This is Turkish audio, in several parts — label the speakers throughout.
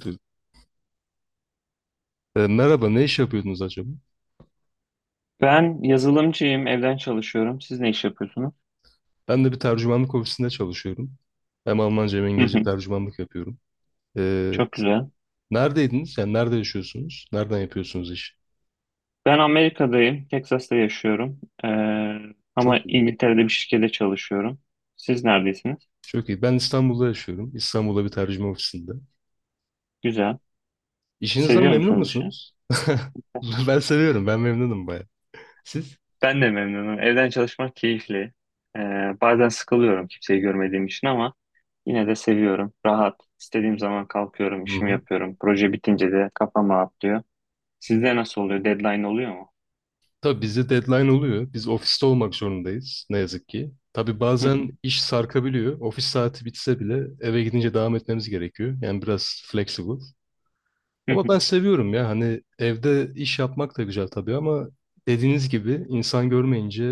Speaker 1: E, merhaba, ne iş yapıyordunuz acaba?
Speaker 2: Ben yazılımcıyım, evden çalışıyorum. Siz ne iş yapıyorsunuz?
Speaker 1: Ben de bir tercümanlık ofisinde çalışıyorum. Hem Almanca hem
Speaker 2: Hı
Speaker 1: İngilizce
Speaker 2: hı.
Speaker 1: tercümanlık yapıyorum. E,
Speaker 2: Çok güzel.
Speaker 1: neredeydiniz? Yani nerede yaşıyorsunuz? Nereden yapıyorsunuz işi?
Speaker 2: Ben Amerika'dayım, Texas'ta yaşıyorum. Ama
Speaker 1: Çok iyi.
Speaker 2: İngiltere'de bir şirkette çalışıyorum. Siz neredesiniz?
Speaker 1: Çok iyi. Ben İstanbul'da yaşıyorum. İstanbul'da bir tercüme ofisinde.
Speaker 2: Güzel.
Speaker 1: İşinizden
Speaker 2: Seviyor
Speaker 1: memnun
Speaker 2: musunuz işi?
Speaker 1: musunuz? Ben seviyorum. Ben memnunum baya. Siz?
Speaker 2: Ben de memnunum. Evden çalışmak keyifli. Ee, bazen sıkılıyorum kimseyi görmediğim için ama yine de seviyorum. Rahat. İstediğim zaman kalkıyorum,
Speaker 1: Hı
Speaker 2: işimi
Speaker 1: hı.
Speaker 2: yapıyorum. Proje bitince de kafam rahatlıyor. Sizde nasıl oluyor? Deadline oluyor mu?
Speaker 1: Tabii bizde deadline oluyor. Biz ofiste olmak zorundayız. Ne yazık ki. Tabii
Speaker 2: Hı hı,
Speaker 1: bazen iş sarkabiliyor. Ofis saati bitse bile eve gidince devam etmemiz gerekiyor. Yani biraz flexible.
Speaker 2: hı
Speaker 1: Ama ben
Speaker 2: hı.
Speaker 1: seviyorum ya, hani evde iş yapmak da güzel tabii ama dediğiniz gibi insan görmeyince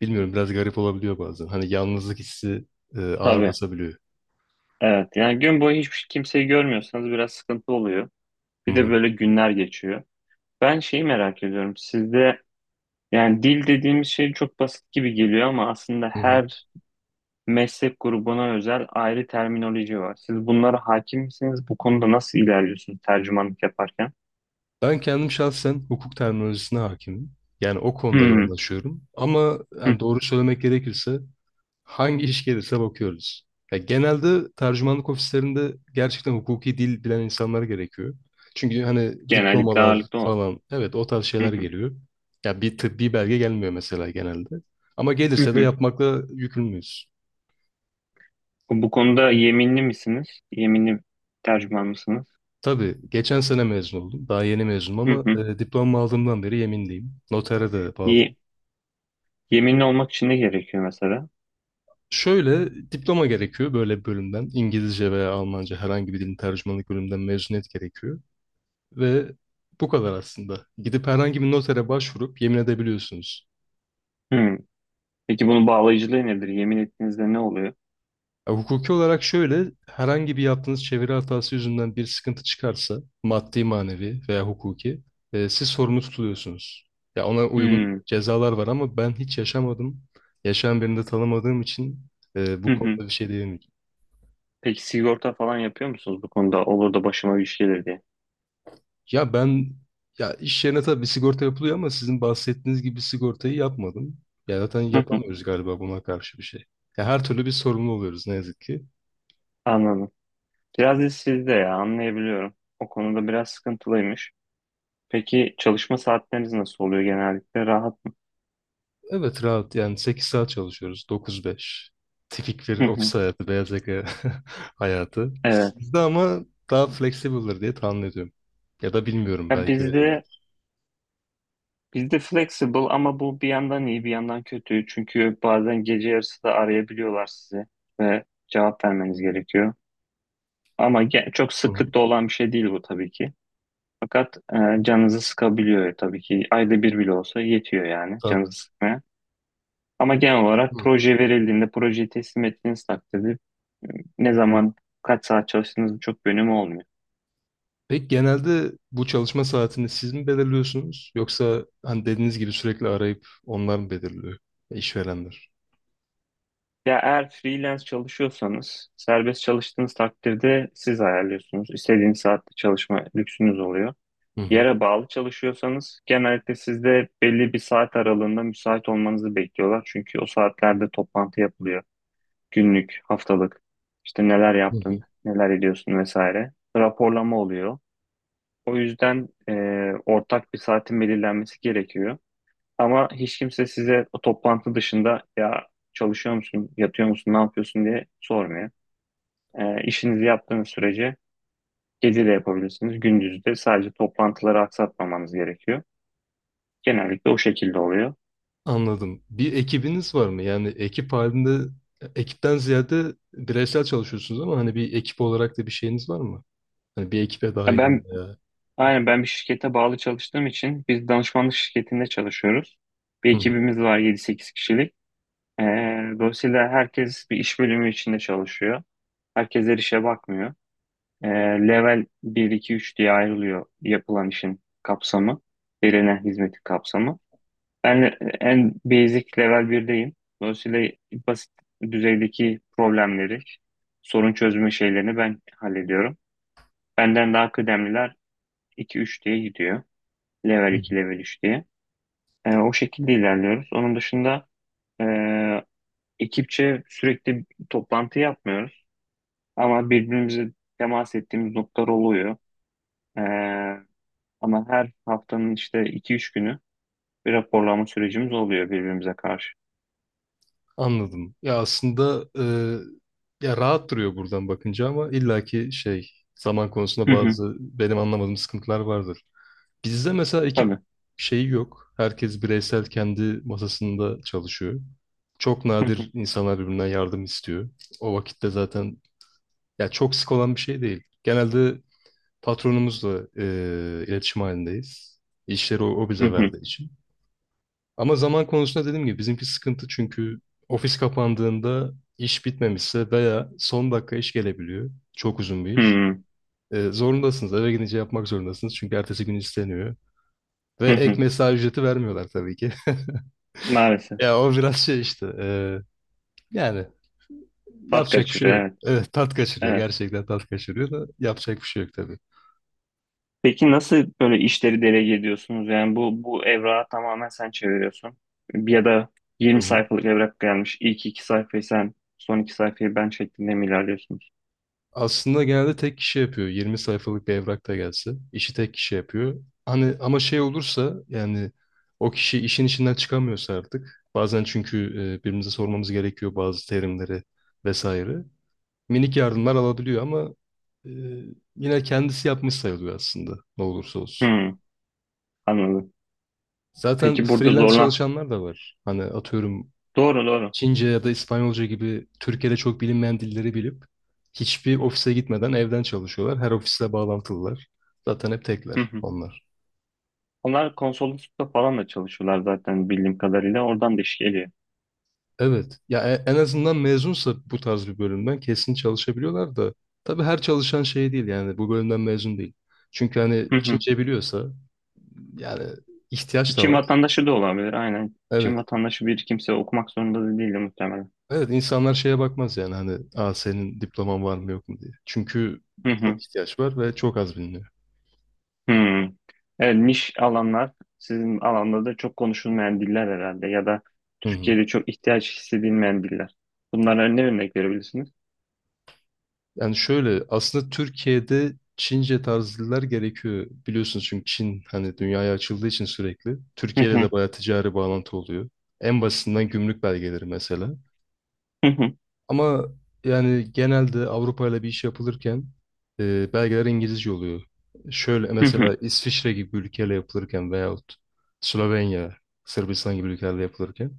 Speaker 1: bilmiyorum, biraz garip olabiliyor bazen. Hani yalnızlık hissi ağır
Speaker 2: Tabii.
Speaker 1: basabiliyor.
Speaker 2: Evet yani gün boyu hiçbir şey, kimseyi görmüyorsanız biraz sıkıntı oluyor.
Speaker 1: Hı
Speaker 2: Bir de
Speaker 1: hı,
Speaker 2: böyle günler geçiyor. Ben şeyi merak ediyorum. Sizde yani dil dediğimiz şey çok basit gibi geliyor ama aslında
Speaker 1: hı hı.
Speaker 2: her meslek grubuna özel ayrı terminoloji var. Siz bunlara hakim misiniz? Bu konuda nasıl ilerliyorsunuz tercümanlık yaparken?
Speaker 1: Ben kendim şahsen hukuk terminolojisine hakimim. Yani o konuda
Speaker 2: Hmm.
Speaker 1: yoğunlaşıyorum. Ama
Speaker 2: Hı.
Speaker 1: yani doğru söylemek gerekirse hangi iş gelirse bakıyoruz. Ya genelde tercümanlık ofislerinde gerçekten hukuki dil bilen insanlar gerekiyor. Çünkü hani
Speaker 2: Genellikle
Speaker 1: diplomalar
Speaker 2: ağırlıklı o.
Speaker 1: falan, evet, o tarz
Speaker 2: Hı
Speaker 1: şeyler
Speaker 2: hı,
Speaker 1: geliyor. Ya bir tıbbi belge gelmiyor mesela genelde. Ama
Speaker 2: hı
Speaker 1: gelirse de
Speaker 2: hı.
Speaker 1: yapmakla yükümlüyüz.
Speaker 2: Bu konuda yeminli misiniz? Yeminli tercüman mısınız?
Speaker 1: Tabii geçen sene mezun oldum. Daha yeni mezunum
Speaker 2: Hı
Speaker 1: ama
Speaker 2: hı.
Speaker 1: diplomamı aldığımdan beri yeminliyim. Notere de bağlıyım.
Speaker 2: Ye- Yeminli olmak için ne gerekiyor mesela?
Speaker 1: Şöyle, diploma gerekiyor böyle bir bölümden. İngilizce veya Almanca, herhangi bir dilin tercümanlık bölümünden mezuniyet gerekiyor. Ve bu kadar aslında. Gidip herhangi bir notere başvurup yemin edebiliyorsunuz.
Speaker 2: Hmm. Peki bunun bağlayıcılığı nedir? Yemin ettiğinizde ne oluyor?
Speaker 1: Ya, hukuki olarak şöyle, herhangi bir yaptığınız çeviri hatası yüzünden bir sıkıntı çıkarsa, maddi, manevi veya hukuki, siz sorumlu tutuluyorsunuz. Ya ona uygun
Speaker 2: Hmm.
Speaker 1: cezalar var ama ben hiç yaşamadım. Yaşayan birini de tanımadığım için
Speaker 2: Hı
Speaker 1: bu
Speaker 2: hı.
Speaker 1: konuda bir şey diyemeyeceğim.
Speaker 2: Peki sigorta falan yapıyor musunuz bu konuda? Olur da başıma bir şey gelir diye.
Speaker 1: Ya ben, ya iş yerine tabii bir sigorta yapılıyor ama sizin bahsettiğiniz gibi bir sigortayı yapmadım. Ya zaten
Speaker 2: Hı hı.
Speaker 1: yapamıyoruz galiba buna karşı bir şey. Ya her türlü bir sorumlu oluyoruz, ne yazık ki.
Speaker 2: Anladım. Biraz da sizde ya anlayabiliyorum. O konuda biraz sıkıntılıymış. Peki çalışma saatleriniz nasıl oluyor genellikle? Rahat mı?
Speaker 1: Evet rahat, yani 8 saat çalışıyoruz, 9-5. Tipik bir
Speaker 2: Hı hı.
Speaker 1: ofis hayatı, beyaz yaka hayatı.
Speaker 2: Evet.
Speaker 1: Sizde ama daha flexible'dır diye tahmin ediyorum. Ya da bilmiyorum,
Speaker 2: Ya
Speaker 1: belki öyle
Speaker 2: bizde
Speaker 1: değildir.
Speaker 2: bizde flexible ama bu bir yandan iyi bir yandan kötü. Çünkü bazen gece yarısı da arayabiliyorlar sizi ve cevap vermeniz gerekiyor. Ama çok
Speaker 1: Hı hı.
Speaker 2: sıklıkta olan bir şey değil bu tabii ki. Fakat canınızı sıkabiliyor tabii ki. Ayda bir bile olsa yetiyor yani
Speaker 1: Tabii.
Speaker 2: canınızı sıkmaya. Ama genel olarak
Speaker 1: Hı.
Speaker 2: proje verildiğinde, projeyi teslim ettiğiniz takdirde ne zaman, kaç saat çalıştığınızın çok bir önemi olmuyor.
Speaker 1: Peki, genelde bu çalışma saatini siz mi belirliyorsunuz yoksa hani dediğiniz gibi sürekli arayıp onlar mı belirliyor, işverenler?
Speaker 2: Ya eğer freelance çalışıyorsanız, serbest çalıştığınız takdirde siz ayarlıyorsunuz. İstediğiniz saatte çalışma lüksünüz oluyor.
Speaker 1: Hı hı.
Speaker 2: Yere bağlı çalışıyorsanız genellikle sizde belli bir saat aralığında müsait olmanızı bekliyorlar. Çünkü o saatlerde toplantı yapılıyor. Günlük, haftalık, işte neler
Speaker 1: Hı
Speaker 2: yaptın,
Speaker 1: hı.
Speaker 2: neler ediyorsun vesaire. Raporlama oluyor. O yüzden ortak bir saatin belirlenmesi gerekiyor. Ama hiç kimse size o toplantı dışında ya çalışıyor musun, yatıyor musun, ne yapıyorsun diye sormuyor. İşinizi yaptığınız sürece gece de yapabilirsiniz, gündüz de sadece toplantıları aksatmamanız gerekiyor. Genellikle o şekilde oluyor.
Speaker 1: Anladım. Bir ekibiniz var mı? Yani ekip halinde, ekipten ziyade bireysel çalışıyorsunuz ama hani bir ekip olarak da bir şeyiniz var mı? Hani bir ekibe
Speaker 2: Ya
Speaker 1: dahilim
Speaker 2: Ben
Speaker 1: ya.
Speaker 2: aynen ben bir şirkete bağlı çalıştığım için biz danışmanlık şirketinde çalışıyoruz. Bir
Speaker 1: Hı hı.
Speaker 2: ekibimiz var yedi sekiz kişilik. Ee, dolayısıyla herkes bir iş bölümü içinde çalışıyor. Herkes her işe bakmıyor. Ee, level bir 2 3 diye ayrılıyor yapılan işin kapsamı, verilen hizmetin kapsamı. Ben en basic level 1'deyim. Dolayısıyla basit düzeydeki problemleri, sorun çözme şeylerini ben hallediyorum. Benden daha kıdemliler 2 3 diye gidiyor. Level
Speaker 1: Hı hı.
Speaker 2: 2 level 3 diye. O şekilde ilerliyoruz. Onun dışında ee, ekipçe sürekli toplantı yapmıyoruz. Ama birbirimize temas ettiğimiz noktalar oluyor. Ee, ama her haftanın işte iki üç günü bir raporlama sürecimiz oluyor birbirimize karşı.
Speaker 1: Anladım. Ya aslında, ya rahat duruyor buradan bakınca ama illaki şey, zaman konusunda
Speaker 2: Hı hı,
Speaker 1: bazı benim anlamadığım sıkıntılar vardır. Bizde mesela ekip
Speaker 2: tabii.
Speaker 1: şeyi yok. Herkes bireysel kendi masasında çalışıyor. Çok
Speaker 2: Hı hı,
Speaker 1: nadir insanlar birbirinden yardım istiyor. O vakitte zaten ya çok sık olan bir şey değil. Genelde patronumuzla iletişim halindeyiz. İşleri o
Speaker 2: hı
Speaker 1: bize
Speaker 2: hı,
Speaker 1: verdiği için. Ama zaman konusunda dediğim gibi bizimki sıkıntı çünkü ofis kapandığında iş bitmemişse veya son dakika iş gelebiliyor. Çok uzun bir
Speaker 2: hı
Speaker 1: iş.
Speaker 2: hı.
Speaker 1: Zorundasınız. Eve gidince yapmak zorundasınız. Çünkü ertesi gün isteniyor. Ve ek mesai ücreti vermiyorlar, tabii ki.
Speaker 2: Maalesef.
Speaker 1: Ya o biraz şey işte. Yani
Speaker 2: Tat
Speaker 1: yapacak bir şey
Speaker 2: kaçırıyor,
Speaker 1: yok.
Speaker 2: evet.
Speaker 1: Evet, tat kaçırıyor.
Speaker 2: Evet.
Speaker 1: Gerçekten tat kaçırıyor da yapacak bir şey yok tabii.
Speaker 2: Peki nasıl böyle işleri delege ediyorsunuz? Yani bu evrağı tamamen sen çeviriyorsun. Ya da
Speaker 1: Hı
Speaker 2: yirmi
Speaker 1: hı.
Speaker 2: sayfalık evrak gelmiş. İlk iki sayfayı sen, son iki sayfayı ben şeklinde mi ilerliyorsunuz?
Speaker 1: Aslında genelde tek kişi yapıyor. 20 sayfalık bir evrak da gelse, işi tek kişi yapıyor. Hani ama şey olursa, yani o kişi işin içinden çıkamıyorsa artık. Bazen çünkü birbirimize sormamız gerekiyor bazı terimleri vesaire. Minik yardımlar alabiliyor ama e, yine kendisi yapmış sayılıyor aslında ne olursa olsun.
Speaker 2: Hı, anladım.
Speaker 1: Zaten
Speaker 2: Peki burada
Speaker 1: freelance
Speaker 2: zorlan.
Speaker 1: çalışanlar da var. Hani atıyorum,
Speaker 2: Doğru, doğru.
Speaker 1: Çince ya da İspanyolca gibi Türkiye'de çok bilinmeyen dilleri bilip hiçbir ofise gitmeden evden çalışıyorlar. Her ofisle bağlantılılar. Zaten hep
Speaker 2: Hı
Speaker 1: tekler
Speaker 2: hı.
Speaker 1: onlar.
Speaker 2: Onlar konsoloslukta falan da çalışıyorlar zaten bildiğim kadarıyla. Oradan da iş geliyor.
Speaker 1: Evet. Ya en azından mezunsa bu tarz bir bölümden kesin çalışabiliyorlar da tabii her çalışan şey değil yani, bu bölümden mezun değil. Çünkü hani
Speaker 2: Hı hı.
Speaker 1: Çince biliyorsa, yani ihtiyaç da
Speaker 2: Çin
Speaker 1: var.
Speaker 2: vatandaşı da olabilir aynen.
Speaker 1: Evet.
Speaker 2: Çin vatandaşı bir kimse okumak zorunda da değil de muhtemelen.
Speaker 1: Evet, insanlar şeye bakmaz yani, hani, aa, senin diploman var mı yok mu diye. Çünkü
Speaker 2: Hı hı.
Speaker 1: çok ihtiyaç var ve çok az biliniyor.
Speaker 2: Hı. Evet, niş alanlar sizin alanda da çok konuşulmayan diller herhalde ya da
Speaker 1: Hı hı.
Speaker 2: Türkiye'de çok ihtiyaç hissedilmeyen diller. Bunlara ne örnek verebilirsiniz?
Speaker 1: Yani şöyle, aslında Türkiye'de Çince tarzlılar gerekiyor biliyorsunuz çünkü Çin, hani, dünyaya açıldığı için sürekli
Speaker 2: Hı
Speaker 1: Türkiye ile
Speaker 2: hı.
Speaker 1: de bayağı ticari bağlantı oluyor. En basitinden gümrük belgeleri mesela.
Speaker 2: Hı hı.
Speaker 1: Ama yani genelde Avrupa ile bir iş yapılırken belgeler İngilizce oluyor. Şöyle
Speaker 2: Hı hı.
Speaker 1: mesela İsviçre gibi bir ülkeyle yapılırken veyahut Slovenya, Sırbistan gibi ülkelerle yapılırken,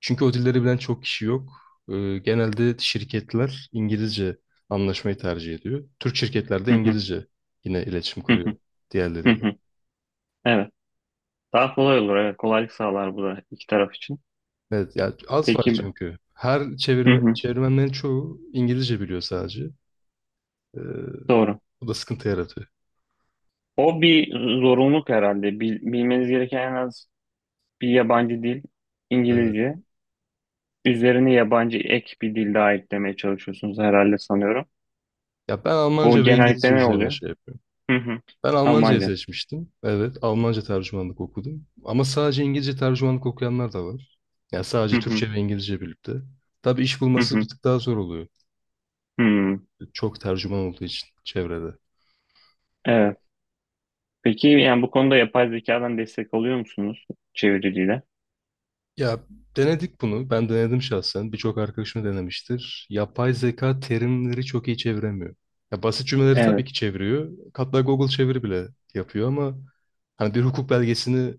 Speaker 1: çünkü o dilleri bilen çok kişi yok. Genelde şirketler İngilizce anlaşmayı tercih ediyor. Türk şirketler de
Speaker 2: Hı hı.
Speaker 1: İngilizce yine iletişim
Speaker 2: Hı hı.
Speaker 1: kuruyor
Speaker 2: Hı
Speaker 1: diğerleriyle.
Speaker 2: hı. Evet. Daha kolay olur. Evet. Kolaylık sağlar bu da iki taraf için.
Speaker 1: Evet, ya az var
Speaker 2: Peki.
Speaker 1: çünkü. Her
Speaker 2: Hı hı.
Speaker 1: çevirmenlerin çoğu İngilizce biliyor sadece. Ee,
Speaker 2: Doğru.
Speaker 1: bu da sıkıntı yaratıyor.
Speaker 2: O bir zorunluluk herhalde. Bilmeniz gereken en az bir yabancı dil,
Speaker 1: Evet.
Speaker 2: İngilizce. Üzerine yabancı ek bir dil daha eklemeye çalışıyorsunuz herhalde sanıyorum.
Speaker 1: Ya ben
Speaker 2: Bu
Speaker 1: Almanca ve İngilizce
Speaker 2: genellikle ne
Speaker 1: üzerine
Speaker 2: oluyor?
Speaker 1: şey yapıyorum.
Speaker 2: Hı hı.
Speaker 1: Ben Almancayı
Speaker 2: Almanca.
Speaker 1: seçmiştim. Evet, Almanca tercümanlık okudum. Ama sadece İngilizce tercümanlık okuyanlar da var. Yani sadece
Speaker 2: Hı hı.
Speaker 1: Türkçe ve İngilizce birlikte. Tabii iş
Speaker 2: Hı
Speaker 1: bulması bir
Speaker 2: hı.
Speaker 1: tık daha zor oluyor.
Speaker 2: Hı.
Speaker 1: Çok tercüman olduğu için çevrede.
Speaker 2: Evet. Peki yani bu konuda yapay zekadan destek alıyor musunuz çeviriyle?
Speaker 1: Ya denedik bunu. Ben denedim şahsen. Birçok arkadaşım denemiştir. Yapay zeka terimleri çok iyi çeviremiyor. Ya basit cümleleri tabii
Speaker 2: Evet,
Speaker 1: ki çeviriyor. Hatta Google çeviri bile yapıyor ama hani bir hukuk belgesini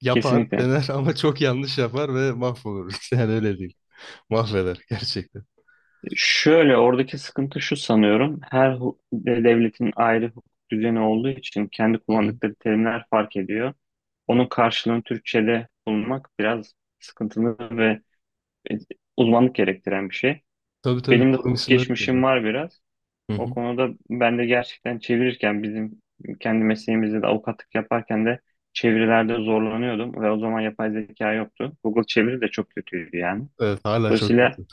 Speaker 1: yapar,
Speaker 2: kesinlikle.
Speaker 1: dener ama çok yanlış yapar ve mahvolur. Yani öyle değil. Mahveder gerçekten.
Speaker 2: Şöyle oradaki sıkıntı şu sanıyorum. Her devletin ayrı hukuk düzeni olduğu için kendi
Speaker 1: Hı hı.
Speaker 2: kullandıkları terimler fark ediyor. Onun karşılığını Türkçe'de bulmak biraz sıkıntılı ve e, uzmanlık gerektiren bir şey.
Speaker 1: Tabii tabii,
Speaker 2: Benim de
Speaker 1: kurum
Speaker 2: hukuk
Speaker 1: isimleri
Speaker 2: geçmişim
Speaker 1: de.
Speaker 2: var biraz.
Speaker 1: Hı
Speaker 2: O
Speaker 1: hı.
Speaker 2: konuda ben de gerçekten çevirirken bizim kendi mesleğimizde de avukatlık yaparken de çevirilerde zorlanıyordum ve o zaman yapay zeka yoktu. Google çeviri de çok kötüydü yani.
Speaker 1: Evet, hala çok
Speaker 2: Dolayısıyla
Speaker 1: kötü.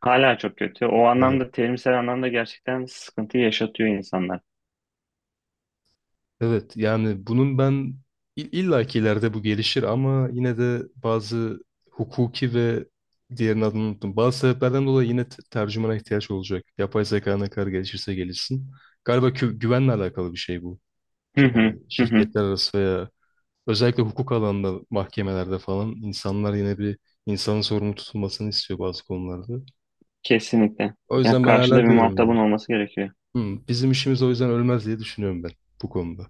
Speaker 2: hala çok kötü. O
Speaker 1: Evet.
Speaker 2: anlamda terimsel anlamda gerçekten sıkıntı yaşatıyor insanlar.
Speaker 1: Evet yani, bunun ben illa ki ileride bu gelişir ama yine de bazı hukuki ve diğerinin adını unuttum. Bazı sebeplerden dolayı yine tercümana ihtiyaç olacak. Yapay zeka ne kadar gelişirse gelişsin. Galiba güvenle alakalı bir şey bu.
Speaker 2: Hı hı, hı hı,
Speaker 1: Şirketler arası veya özellikle hukuk alanında, mahkemelerde falan, insanlar yine bir insanın sorumlu tutulmasını istiyor bazı konularda.
Speaker 2: kesinlikle.
Speaker 1: O
Speaker 2: Ya
Speaker 1: yüzden ben
Speaker 2: karşıda
Speaker 1: hala
Speaker 2: bir
Speaker 1: diyorum
Speaker 2: muhatabın
Speaker 1: yani.
Speaker 2: olması gerekiyor.
Speaker 1: "Bizim işimiz o yüzden ölmez diye düşünüyorum ben bu konuda.